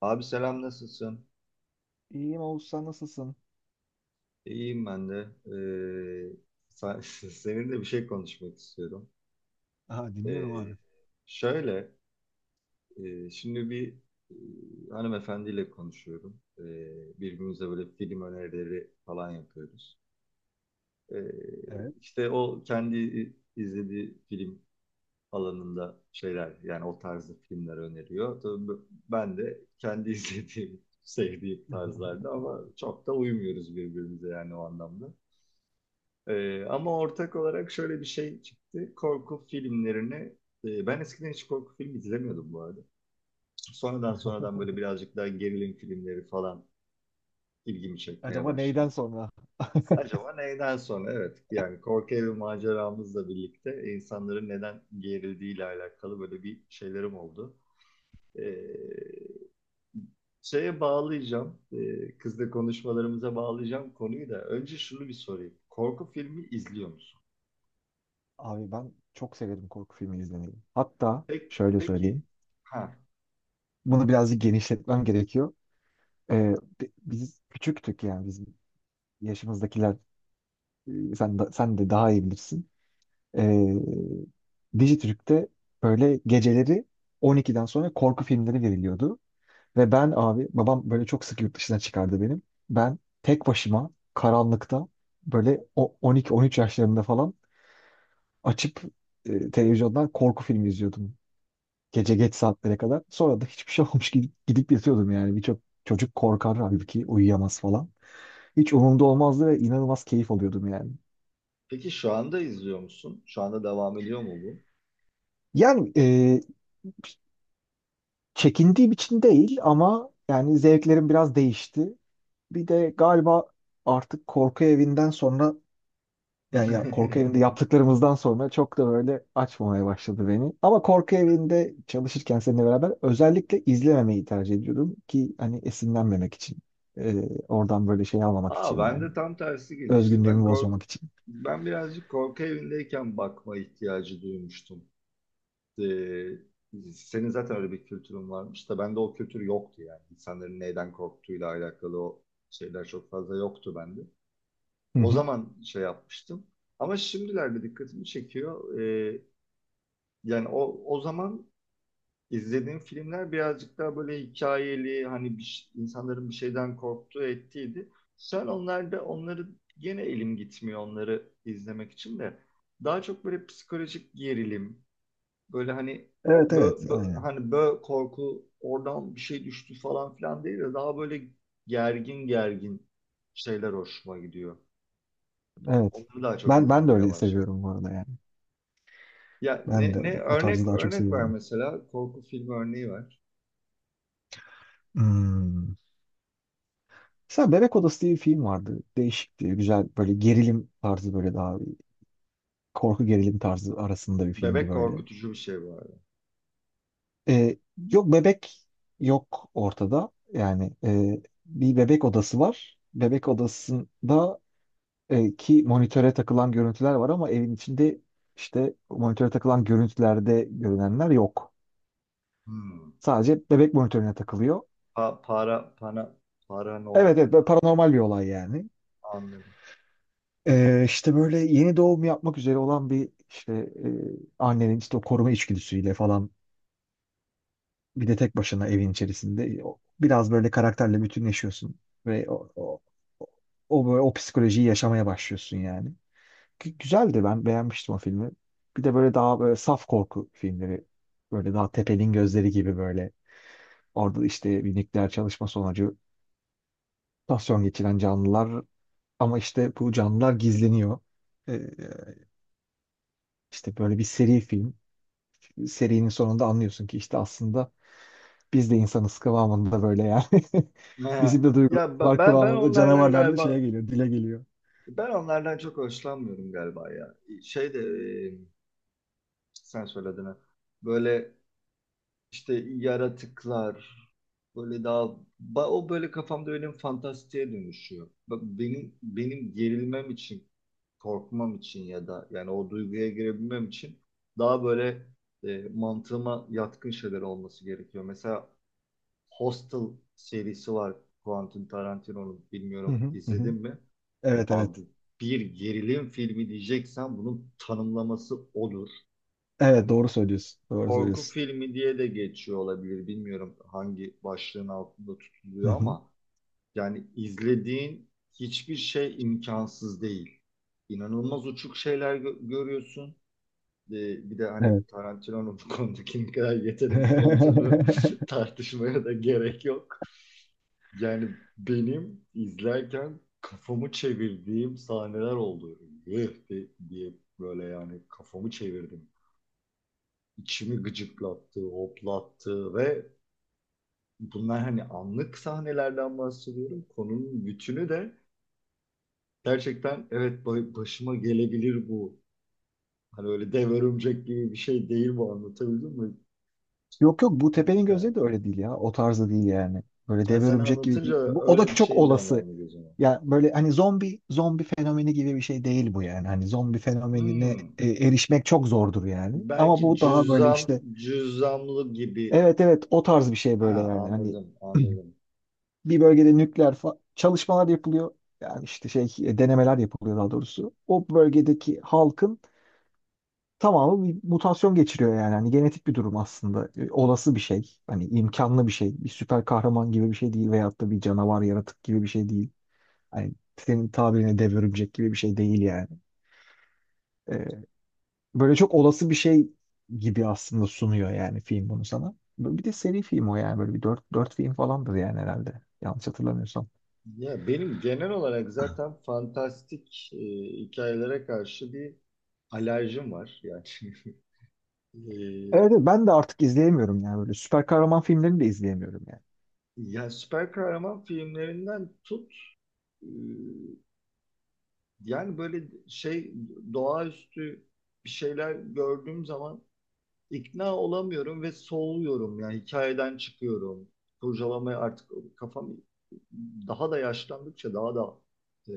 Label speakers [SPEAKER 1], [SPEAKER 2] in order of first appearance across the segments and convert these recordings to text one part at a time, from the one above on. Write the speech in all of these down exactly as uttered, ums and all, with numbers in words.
[SPEAKER 1] Abi selam nasılsın?
[SPEAKER 2] İyiyim Oğuz sen nasılsın?
[SPEAKER 1] İyiyim ben de. Ee, sen- seninle bir şey konuşmak istiyorum.
[SPEAKER 2] Aha, dinliyorum
[SPEAKER 1] Ee,
[SPEAKER 2] abi.
[SPEAKER 1] şöyle, e, şimdi bir e, hanımefendiyle konuşuyorum. Ee, birbirimize böyle film önerileri falan yapıyoruz. Ee,
[SPEAKER 2] Evet.
[SPEAKER 1] işte o kendi izlediği film alanında şeyler, yani o tarzda filmler öneriyor. Tabii b- ben de kendi izlediğim, sevdiğim tarzlarda ama çok da uymuyoruz birbirimize yani o anlamda. Ee, ama ortak olarak şöyle bir şey çıktı. Korku filmlerini, e, ben eskiden hiç korku filmi izlemiyordum bu arada. Sonradan sonradan böyle birazcık daha gerilim filmleri falan ilgimi çekmeye
[SPEAKER 2] Acaba neyden
[SPEAKER 1] başladı.
[SPEAKER 2] sonra?
[SPEAKER 1] Acaba neyden sonra? Evet, yani korku evi maceramızla birlikte insanların neden gerildiğiyle alakalı böyle bir şeylerim oldu. Ee, şeye bağlayacağım, e, kızla konuşmalarımıza bağlayacağım konuyu da. Önce şunu bir sorayım. Korku filmi izliyor musun?
[SPEAKER 2] Abi ben çok severim korku filmi izlemeyi. Hatta
[SPEAKER 1] Peki,
[SPEAKER 2] şöyle
[SPEAKER 1] peki,
[SPEAKER 2] söyleyeyim.
[SPEAKER 1] ha.
[SPEAKER 2] Bunu birazcık genişletmem gerekiyor. Ee, bi- Biz küçüktük yani bizim yaşımızdakiler e, sen de, sen de daha iyi bilirsin. Ee, Dijitürk'te böyle geceleri on ikiden sonra korku filmleri veriliyordu. Ve ben abi babam böyle çok sık yurt dışına çıkardı benim. Ben tek başıma karanlıkta böyle o on iki on üç yaşlarında falan açıp e, televizyondan korku filmi izliyordum. Gece geç saatlere kadar. Sonra da hiçbir şey olmuş gibi gidip yatıyordum yani. Birçok çocuk korkar halbuki uyuyamaz falan. Hiç umurumda olmazdı ve inanılmaz keyif alıyordum yani.
[SPEAKER 1] Peki şu anda izliyor musun? Şu anda devam ediyor mu bu?
[SPEAKER 2] Yani e, Çekindiğim için değil ama yani zevklerim biraz değişti. Bir de galiba artık korku evinden sonra yani ya, korku evinde yaptıklarımızdan sonra çok da böyle açmamaya başladı beni. Ama korku evinde çalışırken seninle beraber özellikle izlememeyi tercih ediyordum ki hani esinlenmemek için. Ee, oradan böyle şey almamak
[SPEAKER 1] Aa
[SPEAKER 2] için
[SPEAKER 1] ben
[SPEAKER 2] yani.
[SPEAKER 1] de tam tersi gelişti. Ben
[SPEAKER 2] Özgünlüğümü
[SPEAKER 1] kork
[SPEAKER 2] bozmamak için.
[SPEAKER 1] ben birazcık korku evindeyken bakma ihtiyacı duymuştum. Ee, senin zaten öyle bir kültürün varmış da bende o kültür yoktu yani. İnsanların neyden korktuğuyla alakalı o şeyler çok fazla yoktu bende.
[SPEAKER 2] Hı
[SPEAKER 1] O
[SPEAKER 2] hı.
[SPEAKER 1] zaman şey yapmıştım. Ama şimdilerde dikkatimi çekiyor. Ee, yani o o zaman İzlediğim filmler birazcık daha böyle hikayeli hani bir, insanların bir şeyden korktuğu ettiydi. Sen onlarda onları gene elim gitmiyor onları izlemek için de. Daha çok böyle psikolojik gerilim böyle hani
[SPEAKER 2] Evet
[SPEAKER 1] bö,
[SPEAKER 2] evet
[SPEAKER 1] bö-
[SPEAKER 2] aynen.
[SPEAKER 1] hani bö korku oradan bir şey düştü falan filan değil de daha böyle gergin gergin şeyler hoşuma gidiyor.
[SPEAKER 2] Evet.
[SPEAKER 1] Onları daha çok
[SPEAKER 2] Ben ben de
[SPEAKER 1] izlemeye
[SPEAKER 2] öyle
[SPEAKER 1] başladım.
[SPEAKER 2] seviyorum bu arada yani.
[SPEAKER 1] Ya
[SPEAKER 2] Ben
[SPEAKER 1] ne,
[SPEAKER 2] de o,
[SPEAKER 1] ne
[SPEAKER 2] o tarzı
[SPEAKER 1] örnek
[SPEAKER 2] daha çok
[SPEAKER 1] örnek ver,
[SPEAKER 2] seviyorum.
[SPEAKER 1] mesela korku filmi örneği ver.
[SPEAKER 2] Hmm. Mesela Bebek Odası diye bir film vardı. Değişikti. Güzel böyle gerilim tarzı böyle daha korku gerilim tarzı arasında bir filmdi
[SPEAKER 1] Bebek
[SPEAKER 2] böyle.
[SPEAKER 1] korkutucu bir şey bu arada.
[SPEAKER 2] E, Yok bebek yok ortada. Yani e, bir bebek odası var. Bebek odasında e, ki monitöre takılan görüntüler var ama evin içinde işte monitöre takılan görüntülerde görünenler yok.
[SPEAKER 1] Hmm.
[SPEAKER 2] Sadece bebek monitörüne takılıyor.
[SPEAKER 1] Pa- para para paranormal
[SPEAKER 2] Evet evet böyle
[SPEAKER 1] gibi,
[SPEAKER 2] paranormal bir olay yani.
[SPEAKER 1] anladım.
[SPEAKER 2] E, işte böyle yeni doğum yapmak üzere olan bir işte e, annenin işte o koruma içgüdüsüyle falan bir de tek başına evin içerisinde o- biraz böyle karakterle bütünleşiyorsun ve o, o o böyle o psikolojiyi yaşamaya başlıyorsun yani. Gü- Güzeldi ben beğenmiştim o filmi. Bir de böyle daha böyle saf korku filmleri. Böyle daha Tepe'nin Gözleri gibi böyle. Orada işte bir nükleer çalışma sonucu mutasyon geçiren canlılar ama işte bu canlılar gizleniyor. Ee, işte böyle bir seri film. Serinin sonunda anlıyorsun ki işte aslında biz de insanız kıvamında böyle yani.
[SPEAKER 1] He.
[SPEAKER 2] Bizim de
[SPEAKER 1] Ya
[SPEAKER 2] duygularımız
[SPEAKER 1] ben
[SPEAKER 2] var
[SPEAKER 1] ben ben
[SPEAKER 2] kıvamında
[SPEAKER 1] onlardan
[SPEAKER 2] canavarlar da
[SPEAKER 1] galiba
[SPEAKER 2] şeye geliyor, dile geliyor.
[SPEAKER 1] ben onlardan çok hoşlanmıyorum galiba ya. Şey de e, sen söyledin ha. Böyle işte yaratıklar böyle daha ba- o böyle kafamda benim fantastiğe dönüşüyor. Bak benim benim gerilmem için, korkmam için ya da yani o duyguya girebilmem için daha böyle e, mantığıma yatkın şeyler olması gerekiyor. Mesela Hostel serisi var Quentin Tarantino'nun.
[SPEAKER 2] Hı
[SPEAKER 1] Bilmiyorum
[SPEAKER 2] hı, hı
[SPEAKER 1] izledin
[SPEAKER 2] hı.
[SPEAKER 1] mi?
[SPEAKER 2] Evet
[SPEAKER 1] Abi
[SPEAKER 2] evet.
[SPEAKER 1] bir gerilim filmi diyeceksen bunun tanımlaması odur.
[SPEAKER 2] Evet
[SPEAKER 1] Hani
[SPEAKER 2] doğru söylüyorsun. Doğru
[SPEAKER 1] korku
[SPEAKER 2] söylüyorsun.
[SPEAKER 1] filmi diye de geçiyor olabilir. Bilmiyorum hangi başlığın altında
[SPEAKER 2] Hı
[SPEAKER 1] tutuluyor
[SPEAKER 2] hı.
[SPEAKER 1] ama yani izlediğin hiçbir şey imkansız değil. İnanılmaz uçuk şeyler gö- görüyorsun. Ee, bir de
[SPEAKER 2] Evet.
[SPEAKER 1] hani Tarantino'nun bu konudaki ne kadar yetenekli olduğunu tartışmaya da gerek yok. Yani benim izlerken kafamı çevirdiğim sahneler oldu. Eh de- diye böyle yani kafamı çevirdim. İçimi gıcıklattı, hoplattı ve bunlar hani anlık sahnelerden bahsediyorum. Konunun bütünü de gerçekten evet ba- başıma gelebilir bu. Hani öyle dev örümcek gibi bir şey değil bu, anlatabildim mi?
[SPEAKER 2] Yok yok, bu
[SPEAKER 1] Hiç
[SPEAKER 2] tepenin
[SPEAKER 1] yani.
[SPEAKER 2] gözleri de öyle değil ya. O tarzda değil yani. Böyle
[SPEAKER 1] Yani
[SPEAKER 2] dev
[SPEAKER 1] sen
[SPEAKER 2] örümcek gibi
[SPEAKER 1] anlatınca
[SPEAKER 2] değil. Bu, o da
[SPEAKER 1] öyle bir
[SPEAKER 2] çok
[SPEAKER 1] şey
[SPEAKER 2] olası.
[SPEAKER 1] canlandı gözüme.
[SPEAKER 2] Ya böyle hani zombi zombi fenomeni gibi bir şey değil bu yani. Hani zombi fenomenine
[SPEAKER 1] Hmm.
[SPEAKER 2] e, erişmek çok zordur yani. Ama
[SPEAKER 1] Belki
[SPEAKER 2] bu daha böyle
[SPEAKER 1] cüzdan,
[SPEAKER 2] işte
[SPEAKER 1] cüzdanlı gibi.
[SPEAKER 2] evet evet o tarz bir şey böyle
[SPEAKER 1] Ha,
[SPEAKER 2] yani. Hani
[SPEAKER 1] anladım, anladım.
[SPEAKER 2] bir bölgede nükleer fa- çalışmalar yapılıyor. Yani işte şey e, denemeler yapılıyor daha doğrusu. O bölgedeki halkın tamamı bir mutasyon geçiriyor yani. Hani genetik bir durum aslında. E, olası bir şey. Hani imkanlı bir şey. Bir süper kahraman gibi bir şey değil veyahut da bir canavar yaratık gibi bir şey değil. Hani senin tabirine dev örümcek gibi bir şey değil yani. E, Böyle çok olası bir şey gibi aslında sunuyor yani film bunu sana. Bir de seri film o yani böyle bir dört, dört film falandır yani herhalde. Yanlış hatırlamıyorsam.
[SPEAKER 1] Ya benim genel olarak zaten fantastik e, hikayelere karşı bir alerjim var. Yani e,
[SPEAKER 2] Evet evet, ben de artık izleyemiyorum yani böyle süper kahraman filmlerini de izleyemiyorum yani.
[SPEAKER 1] ya süper kahraman filmlerinden tut, e, yani böyle şey, doğaüstü bir şeyler gördüğüm zaman ikna olamıyorum ve soğuyorum. Yani hikayeden çıkıyorum. Kurcalamaya artık kafam daha da yaşlandıkça daha da e,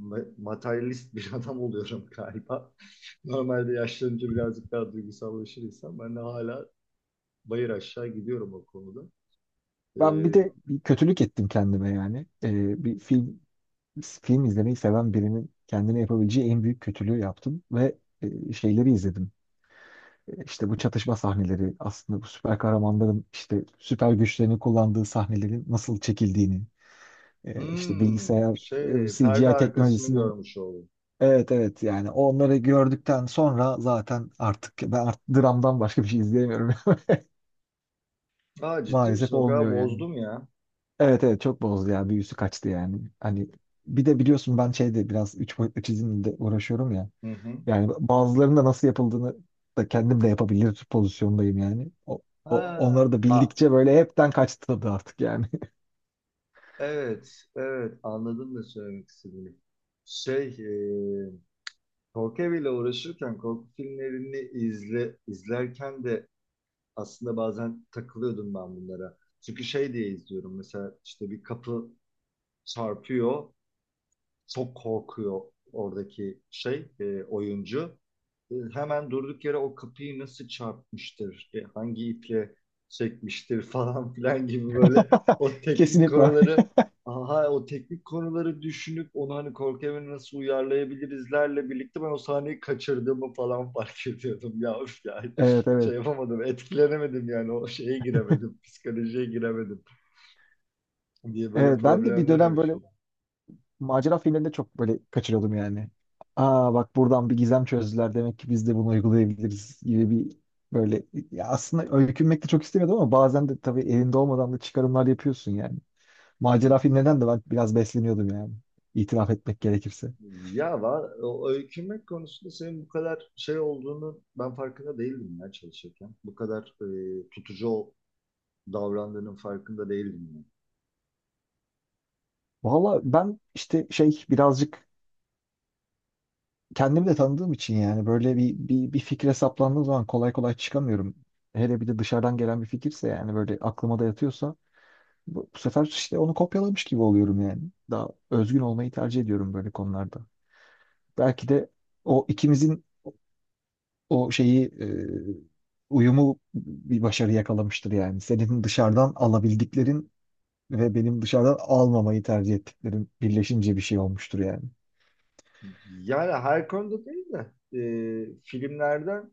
[SPEAKER 1] ma- materyalist bir adam oluyorum galiba. Normalde yaşlanınca birazcık daha duygusallaşır insan. Ben de hala bayır aşağı gidiyorum o konuda. Ee,
[SPEAKER 2] Ben bir de bir kötülük ettim kendime yani. E, bir film film izlemeyi seven birinin kendine yapabileceği en büyük kötülüğü yaptım ve e, şeyleri izledim. E, İşte bu çatışma sahneleri aslında bu süper kahramanların işte süper güçlerini kullandığı sahnelerin nasıl çekildiğini e, işte
[SPEAKER 1] hmm,
[SPEAKER 2] bilgisayar e,
[SPEAKER 1] şey,
[SPEAKER 2] C
[SPEAKER 1] perde
[SPEAKER 2] G I
[SPEAKER 1] arkasını
[SPEAKER 2] teknolojisinin
[SPEAKER 1] görmüş oldum.
[SPEAKER 2] evet evet yani onları gördükten sonra zaten artık ben artık dramdan başka bir şey izleyemiyorum.
[SPEAKER 1] Aa, ciddi misin?
[SPEAKER 2] Maalesef
[SPEAKER 1] O kadar
[SPEAKER 2] olmuyor yani.
[SPEAKER 1] bozdum ya.
[SPEAKER 2] Evet evet çok bozdu ya, büyüsü kaçtı yani. Hani bir de biliyorsun ben şeyde biraz üç boyutlu çizimle uğraşıyorum ya.
[SPEAKER 1] Hı hı.
[SPEAKER 2] Yani bazılarının da nasıl yapıldığını da kendim de yapabilir pozisyondayım yani. O,
[SPEAKER 1] Ha,
[SPEAKER 2] o- onları da
[SPEAKER 1] a,
[SPEAKER 2] bildikçe böyle hepten kaçtı tadı artık yani.
[SPEAKER 1] evet, evet. Anladım da söylemek istediğini. Şey, e, Korku eviyle uğraşırken korku filmlerini izle, izlerken de aslında bazen takılıyordum ben bunlara. Çünkü şey diye izliyorum, mesela işte bir kapı çarpıyor, çok korkuyor oradaki şey e, oyuncu. E, hemen durduk yere o kapıyı nasıl çarpmıştır, e, hangi iple çekmiştir falan filan gibi böyle o teknik
[SPEAKER 2] Kesinlikle.
[SPEAKER 1] konuları aha o teknik konuları düşünüp onu hani korku evine nasıl uyarlayabilirizlerle birlikte ben o sahneyi kaçırdığımı falan fark ediyordum ya, üf yani
[SPEAKER 2] Evet
[SPEAKER 1] şey
[SPEAKER 2] evet.
[SPEAKER 1] yapamadım, etkilenemedim yani, o şeye giremedim, psikolojiye giremedim diye böyle
[SPEAKER 2] Evet ben de bir
[SPEAKER 1] problemler
[SPEAKER 2] dönem böyle
[SPEAKER 1] oluşuyor.
[SPEAKER 2] macera filmlerinde çok böyle kaçırıyordum yani. Aa bak, buradan bir gizem çözdüler demek ki biz de bunu uygulayabiliriz gibi bir böyle ya aslında öykünmek de çok istemiyordum ama bazen de tabii elinde olmadan da çıkarımlar yapıyorsun yani. Macera filmlerinden de ben biraz besleniyordum yani. İtiraf etmek gerekirse.
[SPEAKER 1] Ya var, o öykünmek konusunda senin bu kadar şey olduğunu ben farkında değildim ya çalışırken. Bu kadar e, tutucu ol- davrandığının farkında değildim ben.
[SPEAKER 2] Valla ben işte şey birazcık kendimi de tanıdığım için yani böyle bir, bir, bir fikre saplandığım zaman kolay kolay çıkamıyorum. Hele bir de dışarıdan gelen bir fikirse yani böyle aklıma da yatıyorsa bu, bu sefer işte onu kopyalamış gibi oluyorum yani. Daha özgün olmayı tercih ediyorum böyle konularda. Belki de o ikimizin o şeyi e, uyumu bir başarı yakalamıştır yani. Senin dışarıdan alabildiklerin ve benim dışarıdan almamayı tercih ettiklerim birleşince bir şey olmuştur yani.
[SPEAKER 1] Yani her konuda değil de e, filmlerden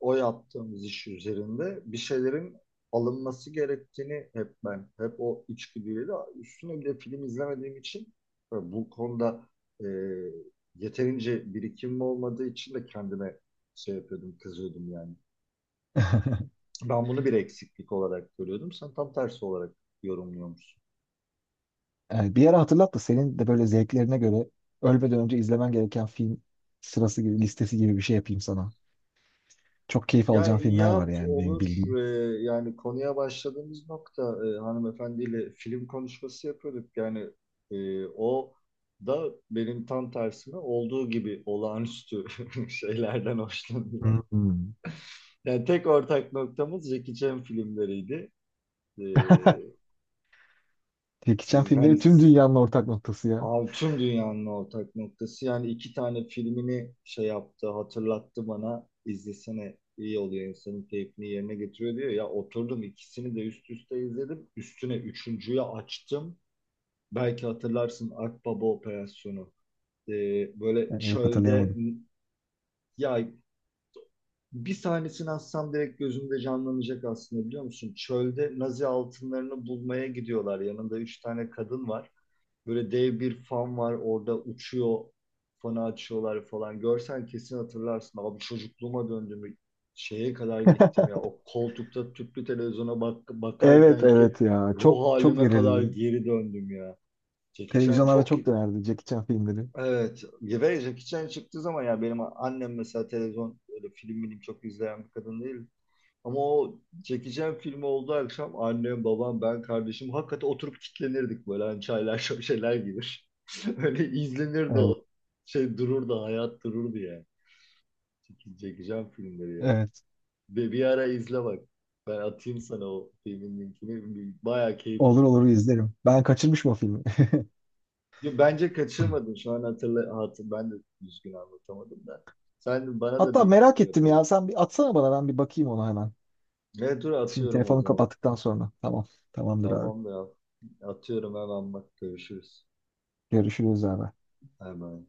[SPEAKER 1] o yaptığımız iş üzerinde bir şeylerin alınması gerektiğini hep ben, hep o içgüdüyle de, üstüne bir de film izlemediğim için e, bu konuda e, yeterince birikimim olmadığı için de kendime şey yapıyordum, kızıyordum yani. Ben bunu bir eksiklik olarak görüyordum. Sen tam tersi olarak yorumluyormuşsun.
[SPEAKER 2] Yani bir yere hatırlat da senin de böyle zevklerine göre ölmeden önce izlemen gereken film sırası gibi listesi gibi bir şey yapayım sana. Çok keyif
[SPEAKER 1] Ya
[SPEAKER 2] alacağın filmler var
[SPEAKER 1] yap,
[SPEAKER 2] yani benim
[SPEAKER 1] olur.
[SPEAKER 2] bildiğim.
[SPEAKER 1] Ee, yani konuya başladığımız nokta, e, hanımefendiyle film konuşması yapıyorduk. Yani e, o da benim tam tersime olduğu gibi olağanüstü şeylerden hoşlanıyor.
[SPEAKER 2] Hmm.
[SPEAKER 1] Yani tek ortak noktamız Jackie Chan filmleriydi. Ee,
[SPEAKER 2] Jackie Chan
[SPEAKER 1] siz hani
[SPEAKER 2] filmleri tüm dünyanın ortak noktası ya.
[SPEAKER 1] Abi tüm dünyanın ortak noktası. Yani iki tane filmini şey yaptı, hatırlattı bana. İzlesene, iyi oluyor, insanın keyfini yerine getiriyor diyor. Ya oturdum ikisini de üst üste izledim. Üstüne üçüncüyü açtım. Belki hatırlarsın, Akbaba Operasyonu. Ee, böyle
[SPEAKER 2] Yani yok,
[SPEAKER 1] çölde
[SPEAKER 2] hatırlayamadım.
[SPEAKER 1] ya, bir sahnesini atsam direkt gözümde canlanacak aslında, biliyor musun? Çölde Nazi altınlarını bulmaya gidiyorlar. Yanında üç tane kadın var. Böyle dev bir fan var orada uçuyor. Fanı açıyorlar falan. Görsen kesin hatırlarsın. Abi çocukluğuma döndüm. Şeye kadar gittim ya. O koltukta tüplü televizyona bak
[SPEAKER 2] Evet
[SPEAKER 1] bakarken ki
[SPEAKER 2] evet ya. Çok
[SPEAKER 1] ruh
[SPEAKER 2] çok
[SPEAKER 1] halime kadar
[SPEAKER 2] verirdi.
[SPEAKER 1] geri döndüm ya. Jackie Chan
[SPEAKER 2] Televizyonlarda
[SPEAKER 1] çok,
[SPEAKER 2] çok dönerdi Jackie Chan filmleri.
[SPEAKER 1] evet. Ve Jackie Chan çıktığı zaman ya, benim annem mesela televizyon öyle film bilim çok izleyen bir kadın değil. Ama o çekeceğim film olduğu akşam annem, babam, ben, kardeşim hakikaten oturup kitlenirdik böyle, hani çaylar şöşeler gibi. Öyle izlenirdi
[SPEAKER 2] Evet,
[SPEAKER 1] o. Şey dururdu, hayat dururdu ya. Çeke- Çekeceğim filmleri ya.
[SPEAKER 2] evet.
[SPEAKER 1] Ve bir ara izle bak. Ben atayım sana o filmin linkini. Bir- Bayağı keyif
[SPEAKER 2] Olur
[SPEAKER 1] aldım.
[SPEAKER 2] olur izlerim. Ben kaçırmışım o filmi.
[SPEAKER 1] Yo, bence kaçırmadın. Şu an hatırla, hatır, ben de düzgün anlatamadım da. Sen bana da
[SPEAKER 2] Hatta
[SPEAKER 1] bir
[SPEAKER 2] merak
[SPEAKER 1] şey
[SPEAKER 2] ettim
[SPEAKER 1] yapalım.
[SPEAKER 2] ya. Sen bir atsana bana, ben bir bakayım ona hemen.
[SPEAKER 1] Evet, dur
[SPEAKER 2] Şimdi
[SPEAKER 1] atıyorum o
[SPEAKER 2] telefonu
[SPEAKER 1] zaman.
[SPEAKER 2] kapattıktan sonra. Tamam. Tamamdır abi.
[SPEAKER 1] Tamam da ya. Atıyorum hemen, bak görüşürüz.
[SPEAKER 2] Görüşürüz abi.
[SPEAKER 1] Hemen.